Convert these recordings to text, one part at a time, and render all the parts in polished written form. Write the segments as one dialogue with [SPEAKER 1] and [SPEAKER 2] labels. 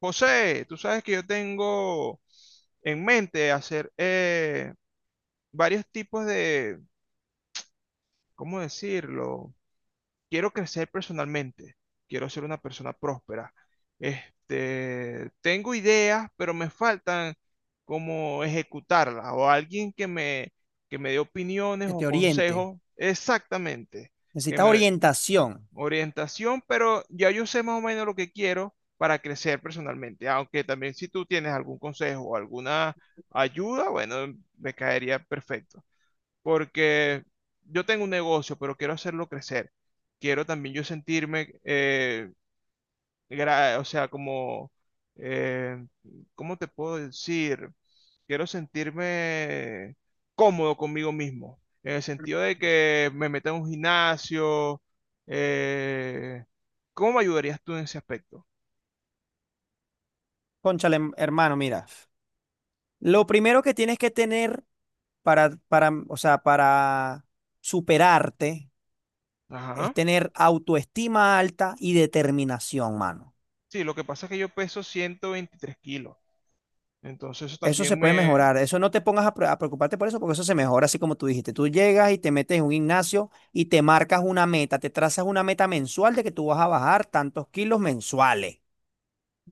[SPEAKER 1] José, tú sabes que yo tengo en mente hacer varios tipos de, ¿cómo decirlo? Quiero crecer personalmente, quiero ser una persona próspera. Este, tengo ideas, pero me faltan como ejecutarlas o alguien que me dé opiniones
[SPEAKER 2] Que
[SPEAKER 1] o
[SPEAKER 2] te oriente.
[SPEAKER 1] consejos exactamente, que
[SPEAKER 2] Necesitas
[SPEAKER 1] me,
[SPEAKER 2] orientación.
[SPEAKER 1] orientación, pero ya yo sé más o menos lo que quiero para crecer personalmente, aunque también si tú tienes algún consejo o alguna ayuda, bueno, me caería perfecto, porque yo tengo un negocio, pero quiero hacerlo crecer. Quiero también yo sentirme o sea, como, eh, ¿cómo te puedo decir? Quiero sentirme cómodo conmigo mismo, en el sentido de que me meta en un gimnasio. eh, ¿Cómo me ayudarías tú en ese aspecto?
[SPEAKER 2] Cónchale, hermano, mira. Lo primero que tienes que tener o sea, para superarte es
[SPEAKER 1] Ajá.
[SPEAKER 2] tener autoestima alta y determinación, mano.
[SPEAKER 1] Sí, lo que pasa es que yo peso 123 kilos, entonces eso
[SPEAKER 2] Eso se
[SPEAKER 1] también
[SPEAKER 2] puede
[SPEAKER 1] me...
[SPEAKER 2] mejorar. Eso no te pongas a, preocuparte por eso, porque eso se mejora, así como tú dijiste. Tú llegas y te metes en un gimnasio y te marcas una meta, te trazas una meta mensual de que tú vas a bajar tantos kilos mensuales.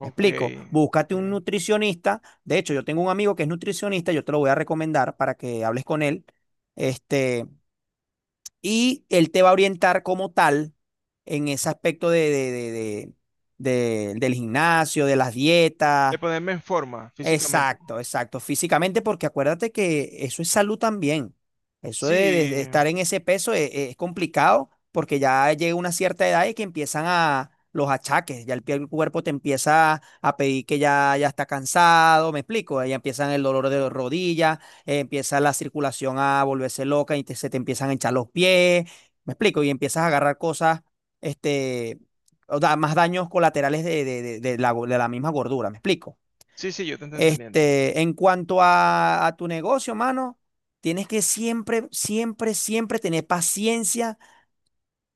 [SPEAKER 2] Me explico, búscate
[SPEAKER 1] ok.
[SPEAKER 2] un nutricionista. De hecho, yo tengo un amigo que es nutricionista, yo te lo voy a recomendar para que hables con él. Este, y él te va a orientar como tal en ese aspecto de- del gimnasio, de las
[SPEAKER 1] De
[SPEAKER 2] dietas.
[SPEAKER 1] ponerme en forma físicamente.
[SPEAKER 2] Exacto, exacto. Físicamente, porque acuérdate que eso es salud también. Eso
[SPEAKER 1] Sí,
[SPEAKER 2] de estar en ese peso es complicado porque ya llega una cierta edad y que empiezan a los achaques. Ya el cuerpo te empieza a pedir que ya, ya está cansado, ¿me explico? Ya empiezan el dolor de las rodillas, empieza la circulación a volverse loca y se te empiezan a hinchar los pies, ¿me explico? Y empiezas a agarrar cosas, este, o da, más daños colaterales de de la misma gordura, ¿me explico?
[SPEAKER 1] sí, sí, yo te estoy entendiendo.
[SPEAKER 2] Este, en cuanto a tu negocio, mano, tienes que siempre, siempre, siempre tener paciencia,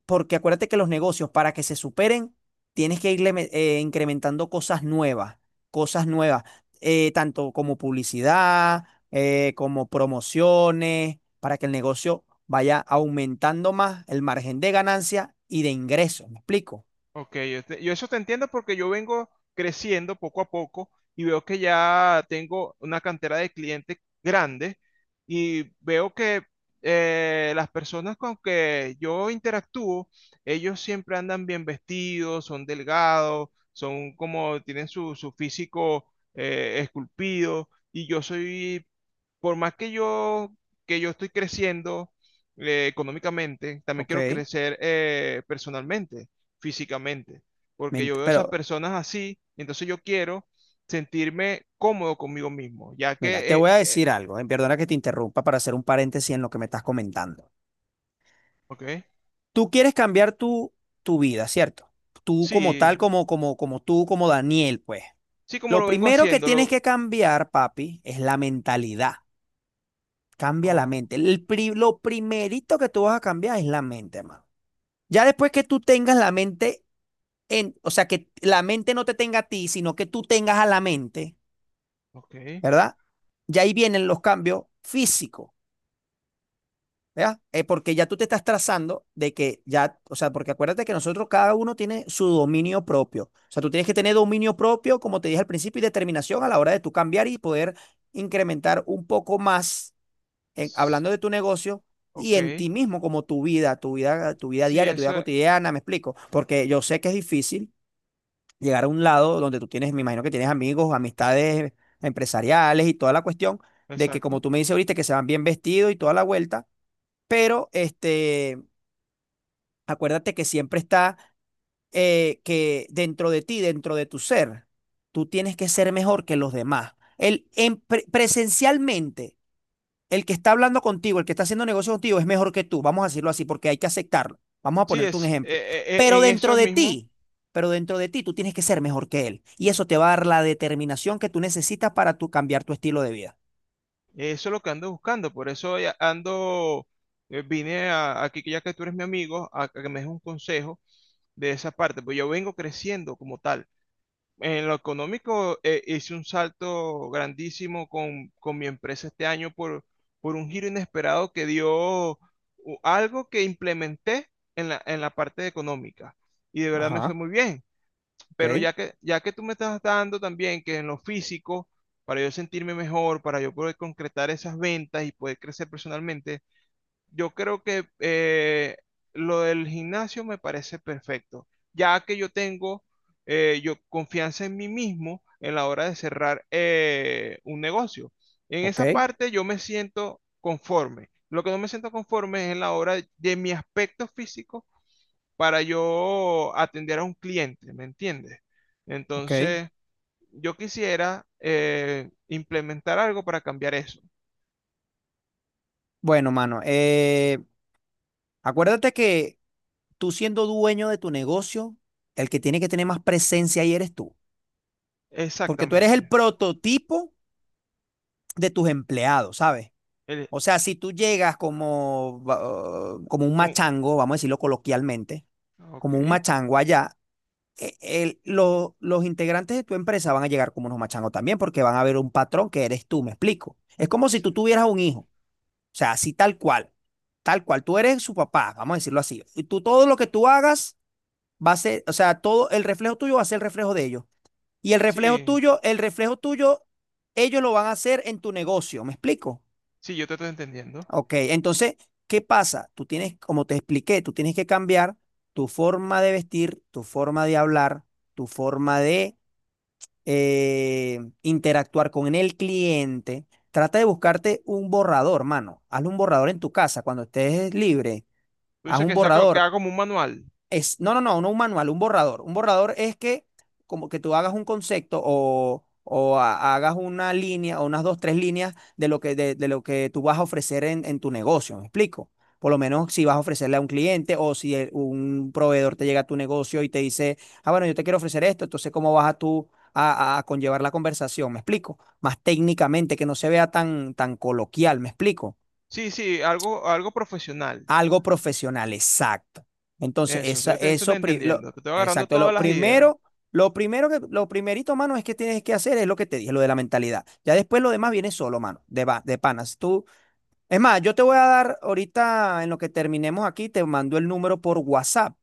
[SPEAKER 2] porque acuérdate que los negocios, para que se superen, tienes que incrementando cosas nuevas, tanto como publicidad, como promociones, para que el negocio vaya aumentando más el margen de ganancia y de ingresos. ¿Me explico?
[SPEAKER 1] Ok, yo eso te entiendo porque yo vengo creciendo poco a poco y veo que ya tengo una cantera de clientes grande y veo que las personas con que yo interactúo, ellos siempre andan bien vestidos, son delgados, son como tienen su, físico esculpido y yo soy, por más que yo estoy creciendo económicamente, también
[SPEAKER 2] Ok.
[SPEAKER 1] quiero crecer personalmente físicamente, porque yo veo esas
[SPEAKER 2] Pero
[SPEAKER 1] personas así, y entonces yo quiero sentirme cómodo conmigo mismo, ya
[SPEAKER 2] mira,
[SPEAKER 1] que,
[SPEAKER 2] te voy a decir algo, perdona que te interrumpa para hacer un paréntesis en lo que me estás comentando.
[SPEAKER 1] ok,
[SPEAKER 2] Tú quieres cambiar tu vida, ¿cierto? Tú como
[SPEAKER 1] sí,
[SPEAKER 2] tal, como tú, como Daniel, pues.
[SPEAKER 1] sí, como
[SPEAKER 2] Lo
[SPEAKER 1] lo vengo
[SPEAKER 2] primero que
[SPEAKER 1] haciendo,
[SPEAKER 2] tienes que cambiar, papi, es la mentalidad. Cambia la
[SPEAKER 1] oh,
[SPEAKER 2] mente. Lo primerito que tú vas a cambiar es la mente, hermano. Ya después que tú tengas la mente en, o sea, que la mente no te tenga a ti, sino que tú tengas a la mente,
[SPEAKER 1] ok,
[SPEAKER 2] ¿verdad? Ya ahí vienen los cambios físicos. ¿Verdad? Porque ya tú te estás trazando de que ya, o sea, porque acuérdate que nosotros cada uno tiene su dominio propio. O sea, tú tienes que tener dominio propio, como te dije al principio, y determinación a la hora de tú cambiar y poder incrementar un poco más,
[SPEAKER 1] s-
[SPEAKER 2] hablando de tu negocio y
[SPEAKER 1] ok,
[SPEAKER 2] en ti mismo, como tu vida, tu vida
[SPEAKER 1] sí,
[SPEAKER 2] diaria, tu vida
[SPEAKER 1] eso,
[SPEAKER 2] cotidiana, me explico. Porque yo sé que es difícil llegar a un lado donde tú tienes, me imagino que tienes amigos, amistades empresariales y toda la cuestión de que
[SPEAKER 1] exacto,
[SPEAKER 2] como tú me dices ahorita que se van bien vestidos y toda la vuelta, pero este, acuérdate que siempre está que dentro de ti, dentro de tu ser, tú tienes que ser mejor que los demás. Presencialmente, el que está hablando contigo, el que está haciendo negocio contigo, es mejor que tú. Vamos a decirlo así porque hay que aceptarlo. Vamos a
[SPEAKER 1] sí,
[SPEAKER 2] ponerte un ejemplo. Pero
[SPEAKER 1] en eso
[SPEAKER 2] dentro
[SPEAKER 1] es
[SPEAKER 2] de
[SPEAKER 1] mismo,
[SPEAKER 2] ti, pero dentro de ti, tú tienes que ser mejor que él. Y eso te va a dar la determinación que tú necesitas para cambiar tu estilo de vida.
[SPEAKER 1] eso es lo que ando buscando, por eso ya ando, vine aquí, que ya que tú eres mi amigo, a que me des un consejo de esa parte, pues yo vengo creciendo como tal. En lo económico, hice un salto grandísimo con, mi empresa este año por un giro inesperado que dio algo que implementé en la parte económica. Y de verdad me fue
[SPEAKER 2] Ajá,
[SPEAKER 1] muy bien.
[SPEAKER 2] ok,
[SPEAKER 1] Pero ya que tú me estás dando también que en lo físico, para yo sentirme mejor, para yo poder concretar esas ventas y poder crecer personalmente, yo creo que lo del gimnasio me parece perfecto, ya que yo tengo yo confianza en mí mismo en la hora de cerrar un negocio. En
[SPEAKER 2] ok,
[SPEAKER 1] esa parte yo me siento conforme. Lo que no me siento conforme es en la hora de mi aspecto físico para yo atender a un cliente, ¿me entiendes?
[SPEAKER 2] ok.
[SPEAKER 1] Entonces, yo quisiera implementar algo para cambiar eso.
[SPEAKER 2] Bueno, mano, acuérdate que tú siendo dueño de tu negocio, el que tiene que tener más presencia ahí eres tú, porque tú eres el
[SPEAKER 1] Exactamente.
[SPEAKER 2] prototipo de tus empleados, ¿sabes?
[SPEAKER 1] El-
[SPEAKER 2] O sea, si tú llegas como, como un
[SPEAKER 1] un-
[SPEAKER 2] machango, vamos a decirlo coloquialmente,
[SPEAKER 1] ok.
[SPEAKER 2] como un machango allá, los integrantes de tu empresa van a llegar como unos machangos también, porque van a ver un patrón que eres tú, me explico. Es como si tú tuvieras un hijo, o sea, así tal cual, tú eres su papá, vamos a decirlo así. Y tú todo lo que tú hagas va a ser, o sea, todo el reflejo tuyo va a ser el reflejo de ellos. Y
[SPEAKER 1] Sí,
[SPEAKER 2] el reflejo tuyo, ellos lo van a hacer en tu negocio. ¿Me explico?
[SPEAKER 1] sí, yo te estoy entendiendo.
[SPEAKER 2] Ok, entonces, ¿qué pasa? Tú tienes, como te expliqué, tú tienes que cambiar tu forma de vestir, tu forma de hablar, tu forma de interactuar con el cliente. Trata de buscarte un borrador, mano. Hazle un borrador en tu casa cuando estés libre.
[SPEAKER 1] Tú
[SPEAKER 2] Haz
[SPEAKER 1] dices
[SPEAKER 2] un
[SPEAKER 1] que
[SPEAKER 2] borrador.
[SPEAKER 1] haga como un manual.
[SPEAKER 2] Es, no, no, no, no un manual, un borrador. Un borrador es que como que tú hagas un concepto hagas una línea o unas dos, tres líneas de lo que, de lo que tú vas a ofrecer en tu negocio, ¿me explico? Por lo menos si vas a ofrecerle a un cliente o si un proveedor te llega a tu negocio y te dice, ah, bueno, yo te quiero ofrecer esto, entonces ¿cómo vas a tú a conllevar la conversación? ¿Me explico? Más técnicamente, que no se vea tan, tan coloquial, ¿me explico?
[SPEAKER 1] Sí, sí, algo profesional.
[SPEAKER 2] Algo profesional, exacto. Entonces,
[SPEAKER 1] Eso, sí,
[SPEAKER 2] esa,
[SPEAKER 1] yo te estoy
[SPEAKER 2] eso, pri- lo,
[SPEAKER 1] entendiendo. Te estoy agarrando
[SPEAKER 2] exacto,
[SPEAKER 1] todas
[SPEAKER 2] lo
[SPEAKER 1] las ideas.
[SPEAKER 2] primero, lo primerito, mano, es que tienes que hacer es lo que te dije, lo de la mentalidad. Ya después lo demás viene solo, mano, de panas. Tú, es más, yo te voy a dar ahorita, en lo que terminemos aquí, te mando el número por WhatsApp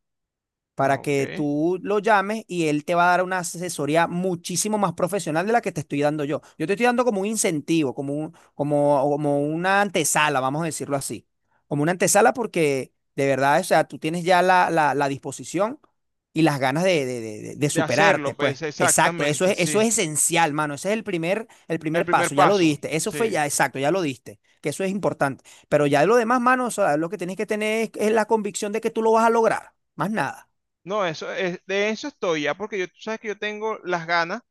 [SPEAKER 1] Ya,
[SPEAKER 2] para
[SPEAKER 1] ok.
[SPEAKER 2] que tú lo llames y él te va a dar una asesoría muchísimo más profesional de la que te estoy dando yo. Yo te estoy dando como un incentivo, como, como una antesala, vamos a decirlo así. Como una antesala porque de verdad, o sea, tú tienes ya la disposición y las ganas de
[SPEAKER 1] De hacerlo,
[SPEAKER 2] superarte, pues.
[SPEAKER 1] pues,
[SPEAKER 2] Exacto,
[SPEAKER 1] exactamente,
[SPEAKER 2] eso
[SPEAKER 1] sí.
[SPEAKER 2] es esencial, mano. Ese es el
[SPEAKER 1] El
[SPEAKER 2] primer
[SPEAKER 1] primer
[SPEAKER 2] paso, ya lo
[SPEAKER 1] paso,
[SPEAKER 2] diste. Eso
[SPEAKER 1] sí.
[SPEAKER 2] fue ya, exacto, ya lo diste, que eso es importante. Pero ya de lo demás, mano, o sea, lo que tienes que tener es la convicción de que tú lo vas a lograr, más nada.
[SPEAKER 1] No, eso es, de eso estoy ya, porque yo, tú sabes que yo tengo las ganas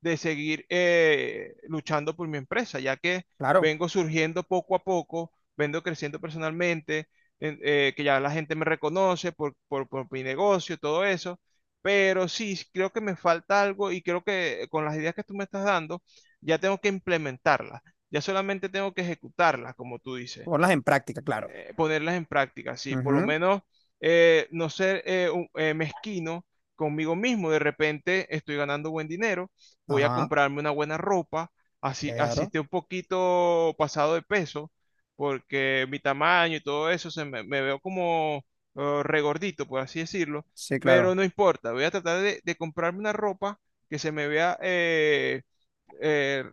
[SPEAKER 1] de seguir luchando por mi empresa, ya que
[SPEAKER 2] Claro,
[SPEAKER 1] vengo surgiendo poco a poco, vengo creciendo personalmente, que ya la gente me reconoce por mi negocio, todo eso, pero sí, sí creo que me falta algo y creo que con las ideas que tú me estás dando, ya tengo que implementarlas, ya solamente tengo que ejecutarlas, como tú dices
[SPEAKER 2] ponlas en práctica, claro.
[SPEAKER 1] ponerlas en práctica, ¿sí? Por lo
[SPEAKER 2] Ujú,
[SPEAKER 1] menos no ser mezquino conmigo mismo. De repente estoy ganando buen dinero, voy a
[SPEAKER 2] ajá,
[SPEAKER 1] comprarme una buena ropa, así
[SPEAKER 2] claro.
[SPEAKER 1] esté un poquito pasado de peso, porque mi tamaño y todo eso, me veo como regordito, por así decirlo,
[SPEAKER 2] Sí,
[SPEAKER 1] pero
[SPEAKER 2] claro.
[SPEAKER 1] no importa, voy a tratar de comprarme una ropa que se me vea, eh,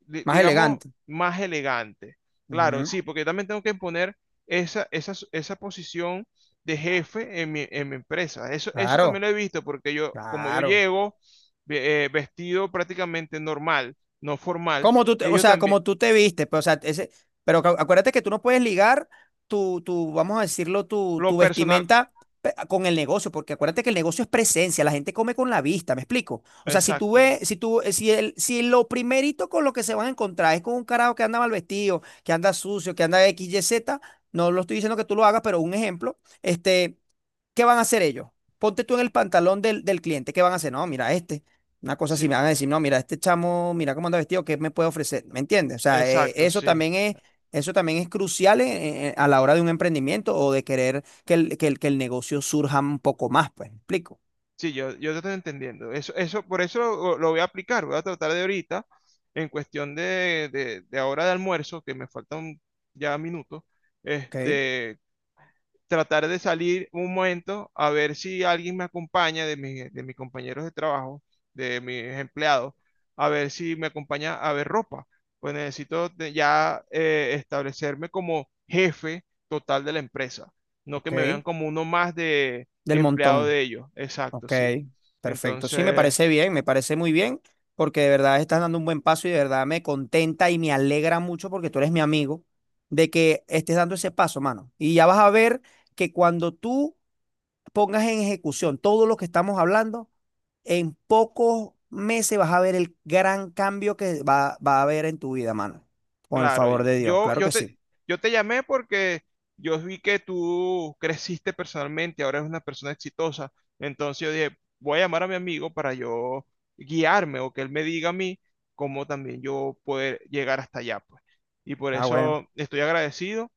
[SPEAKER 2] Más
[SPEAKER 1] digamos,
[SPEAKER 2] elegante.
[SPEAKER 1] más elegante. Claro,
[SPEAKER 2] Ujú,
[SPEAKER 1] sí, porque también tengo que imponer esa posición de jefe en mi, empresa. Eso también
[SPEAKER 2] claro,
[SPEAKER 1] lo he visto porque yo, como yo
[SPEAKER 2] claro.
[SPEAKER 1] llego vestido prácticamente normal, no formal,
[SPEAKER 2] Como tú te, o
[SPEAKER 1] ellos
[SPEAKER 2] sea,
[SPEAKER 1] también,
[SPEAKER 2] como tú te viste, pero, o sea, ese, pero acuérdate que tú no puedes ligar vamos a decirlo,
[SPEAKER 1] lo
[SPEAKER 2] tu
[SPEAKER 1] personal,
[SPEAKER 2] vestimenta con el negocio, porque acuérdate que el negocio es presencia, la gente come con la vista, ¿me explico? O sea, si tú
[SPEAKER 1] exacto,
[SPEAKER 2] ves, si tú, si si lo primerito con lo que se van a encontrar es con un carajo que anda mal vestido, que anda sucio, que anda X, Y, Z, no lo estoy diciendo que tú lo hagas, pero un ejemplo, este, ¿qué van a hacer ellos? Ponte tú en
[SPEAKER 1] sí,
[SPEAKER 2] el pantalón del cliente. ¿Qué van a hacer? No, mira, este. Una cosa así,
[SPEAKER 1] sí,
[SPEAKER 2] me van a decir, no, mira, este chamo, mira cómo anda vestido, ¿qué me puede ofrecer? ¿Me entiendes? O sea,
[SPEAKER 1] exacto, sí.
[SPEAKER 2] eso también es crucial a la hora de un emprendimiento o de querer que el negocio surja un poco más, pues, ¿me explico?
[SPEAKER 1] Sí, yo te estoy entendiendo. Eso, por eso lo voy a aplicar, voy a tratar de ahorita, en cuestión de ahora de almuerzo, que me faltan ya minutos,
[SPEAKER 2] Ok,
[SPEAKER 1] este, tratar de salir un momento a ver si alguien me acompaña de mis compañeros de trabajo, de mis empleados, a ver si me acompaña a ver ropa. Pues necesito ya establecerme como jefe total de la empresa, no que me vean
[SPEAKER 2] ok,
[SPEAKER 1] como uno más de
[SPEAKER 2] del
[SPEAKER 1] empleado
[SPEAKER 2] montón.
[SPEAKER 1] de ellos. Exacto,
[SPEAKER 2] Ok,
[SPEAKER 1] sí.
[SPEAKER 2] perfecto. Sí, me
[SPEAKER 1] Entonces...
[SPEAKER 2] parece bien, me parece muy bien, porque de verdad estás dando un buen paso y de verdad me contenta y me alegra mucho porque tú eres mi amigo de que estés dando ese paso, mano. Y ya vas a ver que cuando tú pongas en ejecución todo lo que estamos hablando, en pocos meses vas a ver el gran cambio va a haber en tu vida, mano. Con el
[SPEAKER 1] Claro,
[SPEAKER 2] favor
[SPEAKER 1] y
[SPEAKER 2] de Dios, claro que sí.
[SPEAKER 1] yo te llamé porque yo vi que tú creciste personalmente, ahora eres una persona exitosa. Entonces yo dije, voy a llamar a mi amigo para yo guiarme o que él me diga a mí cómo también yo poder llegar hasta allá, pues. Y por
[SPEAKER 2] Ah, bueno,
[SPEAKER 1] eso estoy agradecido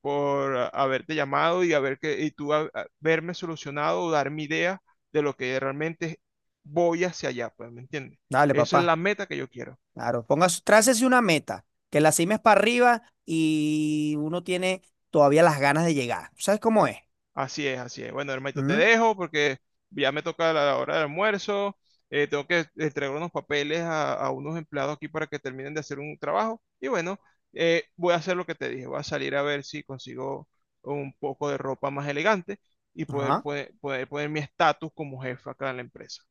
[SPEAKER 1] por haberte llamado y haber que, y tú a- haberme solucionado o dar mi idea de lo que realmente voy hacia allá, pues, ¿me entiendes?
[SPEAKER 2] dale,
[SPEAKER 1] Esa es
[SPEAKER 2] papá.
[SPEAKER 1] la meta que yo quiero.
[SPEAKER 2] Claro, pongas, trácese una meta, que la cima es para arriba y uno tiene todavía las ganas de llegar. ¿Sabes cómo es?
[SPEAKER 1] Así es, así es. Bueno, hermanito, te
[SPEAKER 2] Ujú,
[SPEAKER 1] dejo porque ya me toca la hora del almuerzo. Tengo que entregar unos papeles a unos empleados aquí para que terminen de hacer un trabajo. Y bueno, voy a hacer lo que te dije. Voy a salir a ver si consigo un poco de ropa más elegante y
[SPEAKER 2] ajá.
[SPEAKER 1] poder poner mi estatus como jefe acá en la empresa.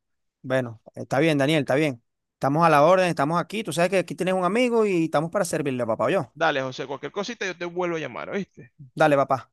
[SPEAKER 2] Bueno, está bien, Daniel, está bien. Estamos a la orden, estamos aquí. Tú sabes que aquí tienes un amigo y estamos para servirle, papá, yo.
[SPEAKER 1] Dale, José, cualquier cosita yo te vuelvo a llamar, ¿oíste?
[SPEAKER 2] Dale, papá.